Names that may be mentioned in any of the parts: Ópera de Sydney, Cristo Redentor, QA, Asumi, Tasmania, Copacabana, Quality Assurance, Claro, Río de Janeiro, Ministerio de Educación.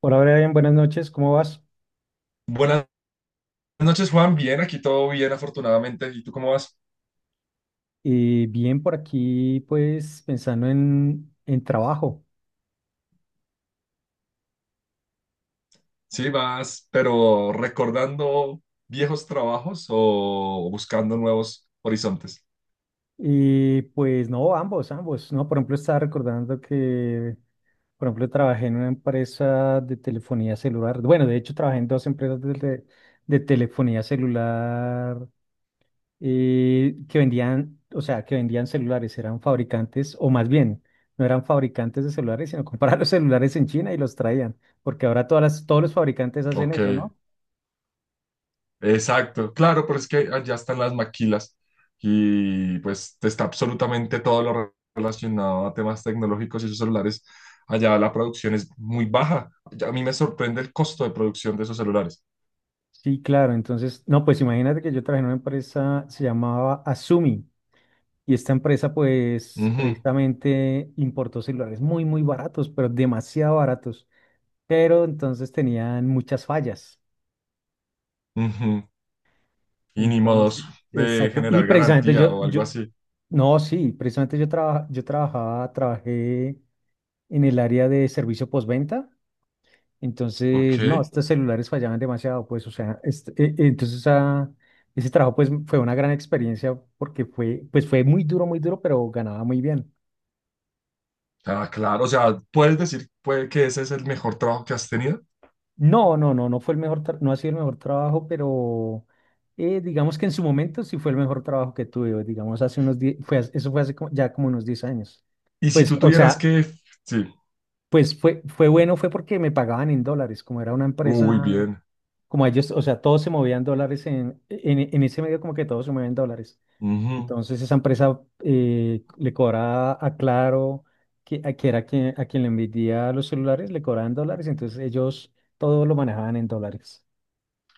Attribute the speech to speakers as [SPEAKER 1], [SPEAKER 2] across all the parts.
[SPEAKER 1] Por ahora, bien, buenas noches, ¿cómo vas?
[SPEAKER 2] Buenas noches, Juan. Bien, aquí todo bien, afortunadamente. ¿Y tú cómo vas?
[SPEAKER 1] Bien, por aquí, pues pensando en trabajo.
[SPEAKER 2] Sí, vas, pero recordando viejos trabajos o buscando nuevos horizontes.
[SPEAKER 1] Y pues no, ambos, ambos, ¿no? Por ejemplo, estaba recordando que, por ejemplo, trabajé en una empresa de telefonía celular. Bueno, de hecho, trabajé en dos empresas de telefonía celular, que vendían, o sea, que vendían celulares, eran fabricantes, o más bien, no eran fabricantes de celulares, sino compraban los celulares en China y los traían, porque ahora todos los fabricantes hacen
[SPEAKER 2] Ok,
[SPEAKER 1] eso, ¿no?
[SPEAKER 2] exacto. Claro, pero es que allá están las maquilas y pues está absolutamente todo lo relacionado a temas tecnológicos y esos celulares. Allá la producción es muy baja. Ya A mí me sorprende el costo de producción de esos celulares.
[SPEAKER 1] Sí, claro. Entonces, no, pues imagínate que yo trabajé en una empresa, se llamaba Asumi, y esta empresa pues
[SPEAKER 2] Ujú,
[SPEAKER 1] precisamente importó celulares muy, muy baratos, pero demasiado baratos. Pero entonces tenían muchas fallas.
[SPEAKER 2] ujú. Y ni modos
[SPEAKER 1] Entonces,
[SPEAKER 2] de
[SPEAKER 1] exacto. Y
[SPEAKER 2] generar
[SPEAKER 1] precisamente
[SPEAKER 2] garantía
[SPEAKER 1] yo,
[SPEAKER 2] o algo
[SPEAKER 1] yo,
[SPEAKER 2] así.
[SPEAKER 1] no, sí, precisamente yo, trabajé en el área de servicio postventa.
[SPEAKER 2] Ok.
[SPEAKER 1] Entonces, no, estos celulares fallaban demasiado, pues, o sea, entonces, ese trabajo pues fue una gran experiencia porque pues fue muy duro, pero ganaba muy bien.
[SPEAKER 2] Ah, claro, o sea, puedes decir puede que ese es el mejor trabajo que has tenido.
[SPEAKER 1] No, no, no, no fue el mejor, no ha sido el mejor trabajo, pero digamos que en su momento sí fue el mejor trabajo que tuve, digamos, hace unos 10, eso fue hace ya como unos 10 años.
[SPEAKER 2] Y si
[SPEAKER 1] Pues,
[SPEAKER 2] tú
[SPEAKER 1] o
[SPEAKER 2] tuvieras
[SPEAKER 1] sea,
[SPEAKER 2] que, sí,
[SPEAKER 1] pues fue bueno, fue porque me pagaban en dólares, como era una
[SPEAKER 2] uy,
[SPEAKER 1] empresa,
[SPEAKER 2] bien.
[SPEAKER 1] como ellos, o sea, todos se movían dólares en ese medio, como que todos se mueven dólares.
[SPEAKER 2] Ujú.
[SPEAKER 1] Entonces esa empresa, le cobraba a Claro, que, a, que era quien, a quien le vendía los celulares, le cobraban dólares, entonces ellos todo lo manejaban en dólares.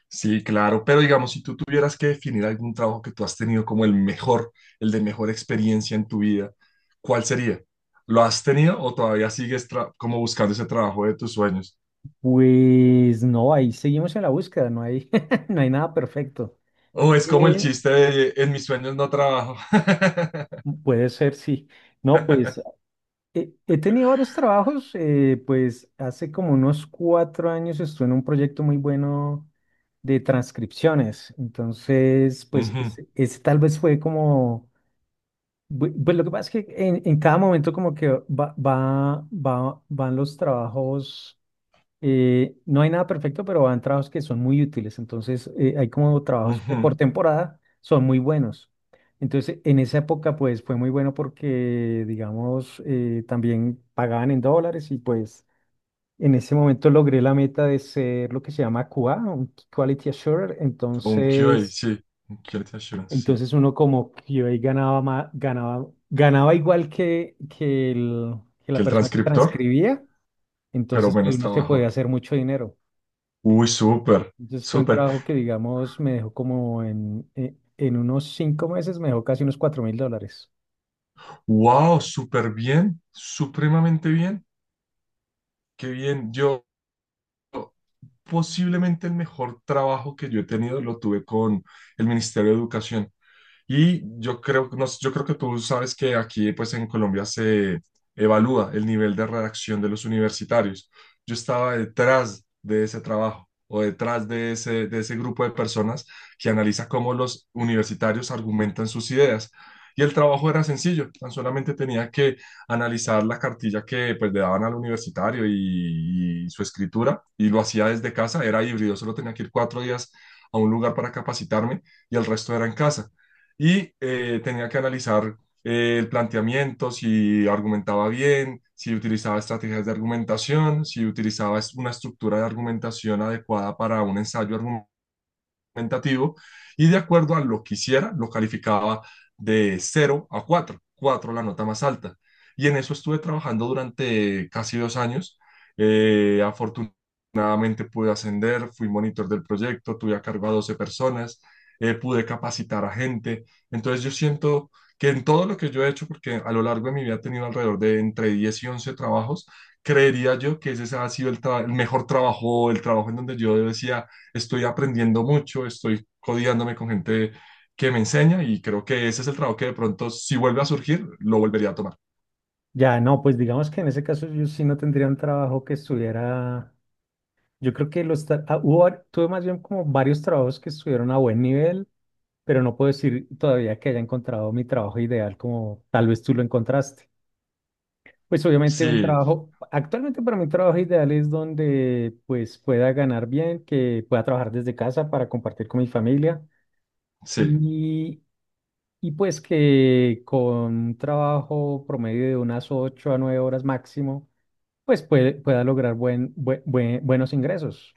[SPEAKER 2] Sí, claro, pero digamos, si tú tuvieras que definir algún trabajo que tú has tenido como el mejor, el de mejor experiencia en tu vida, ¿cuál sería? ¿Lo has tenido o todavía sigues como buscando ese trabajo de tus sueños?
[SPEAKER 1] Pues no, ahí seguimos en la búsqueda, no hay, no hay nada perfecto.
[SPEAKER 2] O es como el
[SPEAKER 1] Eh,
[SPEAKER 2] chiste de en mis sueños no trabajo.
[SPEAKER 1] Puede ser, sí. No, pues he tenido varios trabajos, pues hace como unos cuatro años estuve en un proyecto muy bueno de transcripciones, entonces pues
[SPEAKER 2] Ujú,
[SPEAKER 1] ese tal vez fue como. Pues lo que pasa es que en cada momento, como que van los trabajos, no hay nada perfecto, pero van trabajos que son muy útiles. Entonces, hay como trabajos que
[SPEAKER 2] ujú.
[SPEAKER 1] por temporada son muy buenos. Entonces en esa época pues fue muy bueno porque digamos, también pagaban en dólares y pues en ese momento logré la meta de ser lo que se llama QA, un Quality Assurer.
[SPEAKER 2] O un QA,
[SPEAKER 1] Entonces.
[SPEAKER 2] sí, un Quality Assurance, sí.
[SPEAKER 1] Entonces uno como que ahí ganaba igual que
[SPEAKER 2] ¿Que
[SPEAKER 1] la
[SPEAKER 2] el
[SPEAKER 1] persona que
[SPEAKER 2] transcriptor?
[SPEAKER 1] transcribía,
[SPEAKER 2] Pero
[SPEAKER 1] entonces pues
[SPEAKER 2] menos
[SPEAKER 1] uno se podía
[SPEAKER 2] trabajo.
[SPEAKER 1] hacer mucho dinero.
[SPEAKER 2] Uy, súper,
[SPEAKER 1] Entonces fue un
[SPEAKER 2] súper.
[SPEAKER 1] trabajo que, digamos, me dejó como en unos cinco meses, me dejó casi unos cuatro mil dólares.
[SPEAKER 2] Wow, súper bien, supremamente bien. Qué bien. Yo, posiblemente el mejor trabajo que yo he tenido lo tuve con el Ministerio de Educación. Y yo creo, no sé, yo creo que tú sabes que aquí, pues en Colombia se evalúa el nivel de redacción de los universitarios. Yo estaba detrás de ese trabajo o detrás de ese grupo de personas que analiza cómo los universitarios argumentan sus ideas. Y el trabajo era sencillo, tan solamente tenía que analizar la cartilla que pues, le daban al universitario y su escritura, y lo hacía desde casa, era híbrido, solo tenía que ir cuatro días a un lugar para capacitarme y el resto era en casa y tenía que analizar el planteamiento, si argumentaba bien, si utilizaba estrategias de argumentación, si utilizaba una estructura de argumentación adecuada para un ensayo tentativo y de acuerdo a lo que hiciera, lo calificaba de 0 a 4, 4 la nota más alta. Y en eso estuve trabajando durante casi 2 años. Afortunadamente pude ascender, fui monitor del proyecto, tuve a cargo a 12 personas, pude capacitar a gente. Entonces yo siento que en todo lo que yo he hecho, porque a lo largo de mi vida he tenido alrededor de entre 10 y 11 trabajos, creería yo que ese ha sido el, el mejor trabajo, el trabajo en donde yo decía, estoy aprendiendo mucho, estoy codiándome con gente que me enseña y creo que ese es el trabajo que de pronto, si vuelve a surgir, lo volvería a tomar.
[SPEAKER 1] Ya, no, pues digamos que en ese caso yo sí no tendría un trabajo que estuviera, yo creo que los, tra- ah, hubo var- tuve más bien como varios trabajos que estuvieron a buen nivel, pero no puedo decir todavía que haya encontrado mi trabajo ideal como tal vez tú lo encontraste. Pues obviamente un
[SPEAKER 2] Sí,
[SPEAKER 1] trabajo, actualmente para mí un trabajo ideal es donde pues pueda ganar bien, que pueda trabajar desde casa para compartir con mi familia,
[SPEAKER 2] sí,
[SPEAKER 1] y, y pues que con un trabajo promedio de unas 8 a 9 horas máximo, pues pueda lograr buenos ingresos.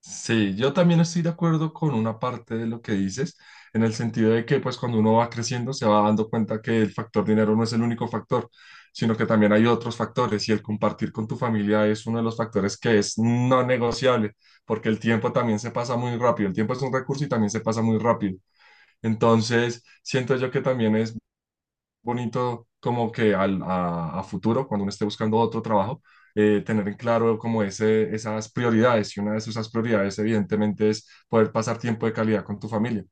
[SPEAKER 2] sí, yo también estoy de acuerdo con una parte de lo que dices, en el sentido de que pues cuando uno va creciendo se va dando cuenta que el factor dinero no es el único factor, sino que también hay otros factores y el compartir con tu familia es uno de los factores que es no negociable, porque el tiempo también se pasa muy rápido, el tiempo es un recurso y también se pasa muy rápido. Entonces, siento yo que también es bonito como que a futuro, cuando uno esté buscando otro trabajo, tener en claro como esas prioridades. Y una de esas prioridades, evidentemente, es poder pasar tiempo de calidad con tu familia.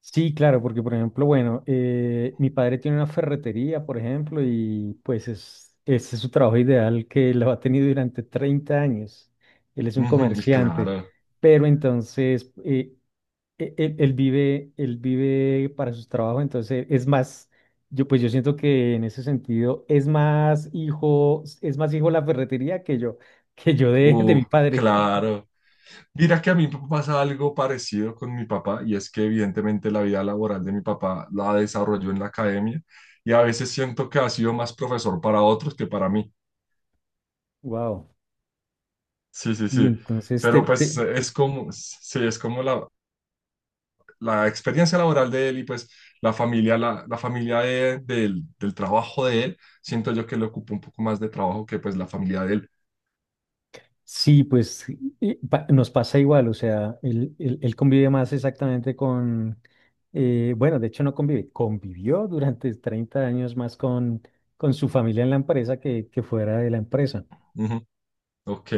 [SPEAKER 1] Sí, claro, porque por ejemplo, bueno, mi padre tiene una ferretería, por ejemplo, y pues ese es su trabajo ideal, que lo ha tenido durante 30 años. Él es un
[SPEAKER 2] Ujú, y
[SPEAKER 1] comerciante,
[SPEAKER 2] claro,
[SPEAKER 1] pero entonces, él vive para sus trabajos, entonces es más, yo pues yo siento que en ese sentido es más hijo la ferretería que yo, de
[SPEAKER 2] uh,
[SPEAKER 1] mi padre.
[SPEAKER 2] claro. Mira que a mí me pasa algo parecido con mi papá, y es que evidentemente la vida laboral de mi papá la desarrolló en la academia, y a veces siento que ha sido más profesor para otros que para mí.
[SPEAKER 1] Wow.
[SPEAKER 2] Sí, sí,
[SPEAKER 1] Y
[SPEAKER 2] sí.
[SPEAKER 1] entonces te,
[SPEAKER 2] Pero pues
[SPEAKER 1] te-
[SPEAKER 2] es como, sí, es como la experiencia laboral de él y pues la familia del trabajo de él, siento yo que le ocupa un poco más de trabajo que pues la familia de él.
[SPEAKER 1] Sí, pues nos pasa igual, o sea, él convive más exactamente con, bueno, de hecho no convive, convivió durante 30 años más con su familia en la empresa que fuera de la empresa.
[SPEAKER 2] Ujú, ok.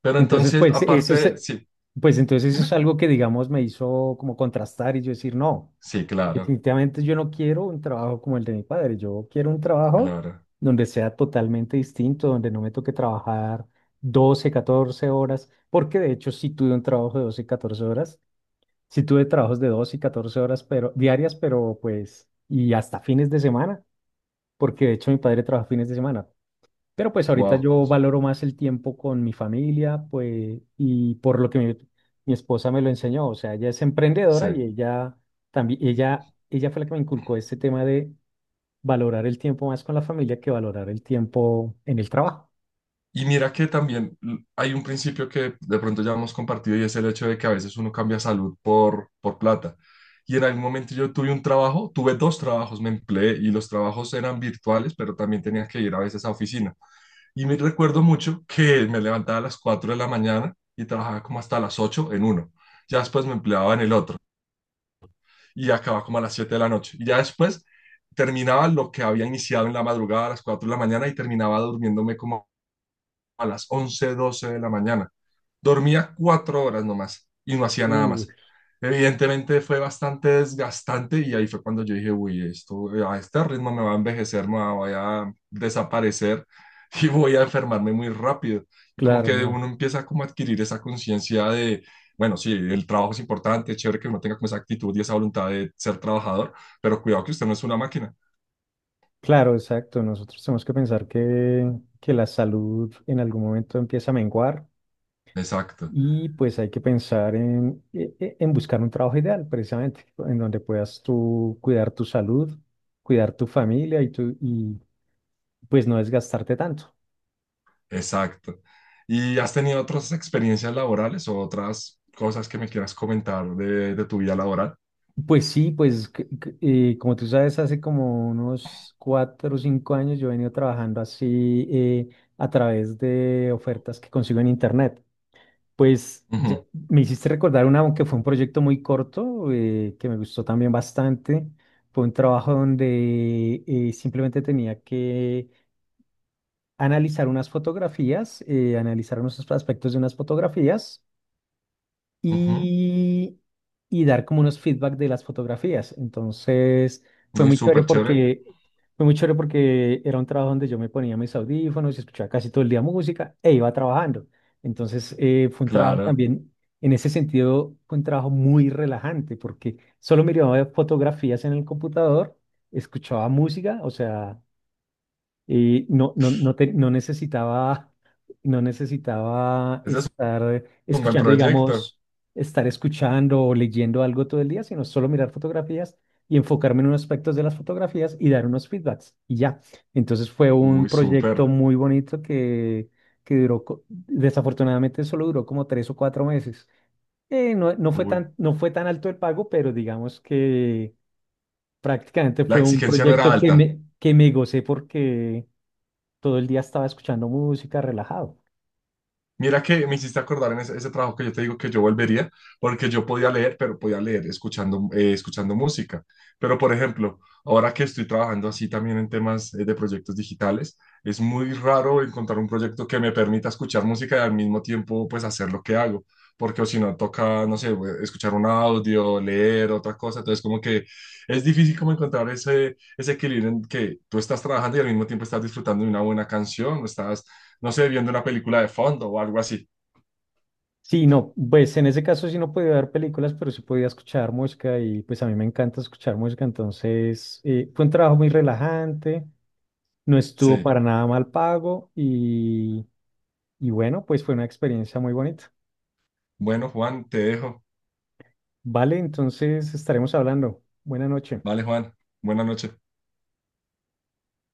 [SPEAKER 2] Pero
[SPEAKER 1] Entonces,
[SPEAKER 2] entonces, aparte, sí,
[SPEAKER 1] pues entonces eso es
[SPEAKER 2] dime.
[SPEAKER 1] algo que, digamos, me hizo como contrastar y yo decir, no,
[SPEAKER 2] Sí, claro,
[SPEAKER 1] definitivamente yo no quiero un trabajo como el de mi padre, yo quiero un trabajo
[SPEAKER 2] claro.
[SPEAKER 1] donde sea totalmente distinto, donde no me toque trabajar 12, 14 horas, porque de hecho sí tuve un trabajo de 12, y catorce horas, sí tuve trabajos de 12 y 14 horas, pero diarias, pero pues, y hasta fines de semana, porque de hecho mi padre trabaja fines de semana, pero pues ahorita
[SPEAKER 2] Wow,
[SPEAKER 1] yo valoro más el tiempo con mi familia, pues, y por lo que mi esposa me lo enseñó, o sea, ella es emprendedora
[SPEAKER 2] sí.
[SPEAKER 1] y ella también, ella fue la que me inculcó este tema de valorar el tiempo más con la familia que valorar el tiempo en el trabajo.
[SPEAKER 2] Y mira que también hay un principio que de pronto ya hemos compartido y es el hecho de que a veces uno cambia salud por plata. Y en algún momento yo tuve un trabajo, tuve dos trabajos, me empleé y los trabajos eran virtuales, pero también tenía que ir a veces a oficina. Y me recuerdo mucho que me levantaba a las 4 de la mañana y trabajaba como hasta las 8 en uno. Ya después me empleaba en el otro y acababa como a las 7 de la noche. Y ya después terminaba lo que había iniciado en la madrugada a las 4 de la mañana y terminaba durmiéndome como a las 11 12 de la mañana. Dormía 4 horas nomás y no hacía nada
[SPEAKER 1] Uh,
[SPEAKER 2] más. Evidentemente fue bastante desgastante y ahí fue cuando yo dije, uy, esto a este ritmo me va a envejecer, voy a desaparecer y voy a enfermarme muy rápido. Y como
[SPEAKER 1] claro,
[SPEAKER 2] que
[SPEAKER 1] no.
[SPEAKER 2] uno empieza como a adquirir esa conciencia de, bueno, sí, el trabajo es importante, es chévere que uno tenga como esa actitud y esa voluntad de ser trabajador, pero cuidado que usted no es una máquina.
[SPEAKER 1] Claro, exacto. Nosotros tenemos que pensar que, la salud en algún momento empieza a menguar.
[SPEAKER 2] Exacto.
[SPEAKER 1] Y pues hay que pensar en buscar un trabajo ideal, precisamente, en donde puedas tú cuidar tu salud, cuidar tu familia y pues no desgastarte tanto.
[SPEAKER 2] Exacto. ¿Y has tenido otras experiencias laborales o otras cosas que me quieras comentar de tu vida laboral?
[SPEAKER 1] Pues sí, pues como tú sabes, hace como unos cuatro o cinco años yo he venido trabajando así, a través de ofertas que consigo en internet. Pues ya
[SPEAKER 2] Ujú,
[SPEAKER 1] me hiciste recordar una, aunque fue un proyecto muy corto, que me gustó también bastante. Fue un trabajo donde, simplemente tenía que analizar unas fotografías, analizar unos aspectos de unas fotografías
[SPEAKER 2] ujú.
[SPEAKER 1] y, y dar como unos feedback de las fotografías. Entonces, fue
[SPEAKER 2] Uy,
[SPEAKER 1] muy chévere
[SPEAKER 2] súper chévere.
[SPEAKER 1] porque, fue muy chévere porque, era un trabajo donde yo me ponía mis audífonos y escuchaba casi todo el día música e iba trabajando. Entonces, fue un trabajo
[SPEAKER 2] Claro.
[SPEAKER 1] también, en ese sentido, fue un trabajo muy relajante porque solo miraba fotografías en el computador, escuchaba música, o sea. Y no, no, no, no necesitaba,
[SPEAKER 2] Ese es
[SPEAKER 1] estar
[SPEAKER 2] un buen
[SPEAKER 1] escuchando,
[SPEAKER 2] proyecto.
[SPEAKER 1] digamos, estar escuchando o leyendo algo todo el día, sino solo mirar fotografías y enfocarme en unos aspectos de las fotografías y dar unos feedbacks y ya. Entonces fue un
[SPEAKER 2] Uy,
[SPEAKER 1] proyecto
[SPEAKER 2] súper.
[SPEAKER 1] muy bonito que duró, desafortunadamente solo duró como tres o cuatro meses. No,
[SPEAKER 2] Uy.
[SPEAKER 1] no fue tan alto el pago, pero digamos que prácticamente
[SPEAKER 2] La
[SPEAKER 1] fue un
[SPEAKER 2] exigencia no era
[SPEAKER 1] proyecto que
[SPEAKER 2] alta.
[SPEAKER 1] que me gocé porque todo el día estaba escuchando música, relajado.
[SPEAKER 2] Mira que me hiciste acordar en ese trabajo que yo te digo que yo volvería, porque yo podía leer, pero podía leer escuchando, escuchando música. Pero, por ejemplo, ahora que estoy trabajando así también en temas de proyectos digitales, es muy raro encontrar un proyecto que me permita escuchar música y al mismo tiempo, pues, hacer lo que hago. Porque o si no, toca, no sé, escuchar un audio, leer otra cosa. Entonces, como que es difícil como encontrar ese equilibrio en que tú estás trabajando y al mismo tiempo estás disfrutando de una buena canción, estás no sé, viendo una película de fondo o algo así.
[SPEAKER 1] Sí, no, pues en ese caso sí no podía ver películas, pero sí podía escuchar música y pues a mí me encanta escuchar música, entonces, fue un trabajo muy relajante, no estuvo
[SPEAKER 2] Sí.
[SPEAKER 1] para nada mal pago, y bueno, pues fue una experiencia muy bonita.
[SPEAKER 2] Bueno, Juan, te dejo.
[SPEAKER 1] Vale, entonces estaremos hablando. Buena noche.
[SPEAKER 2] Vale, Juan. Buenas noches.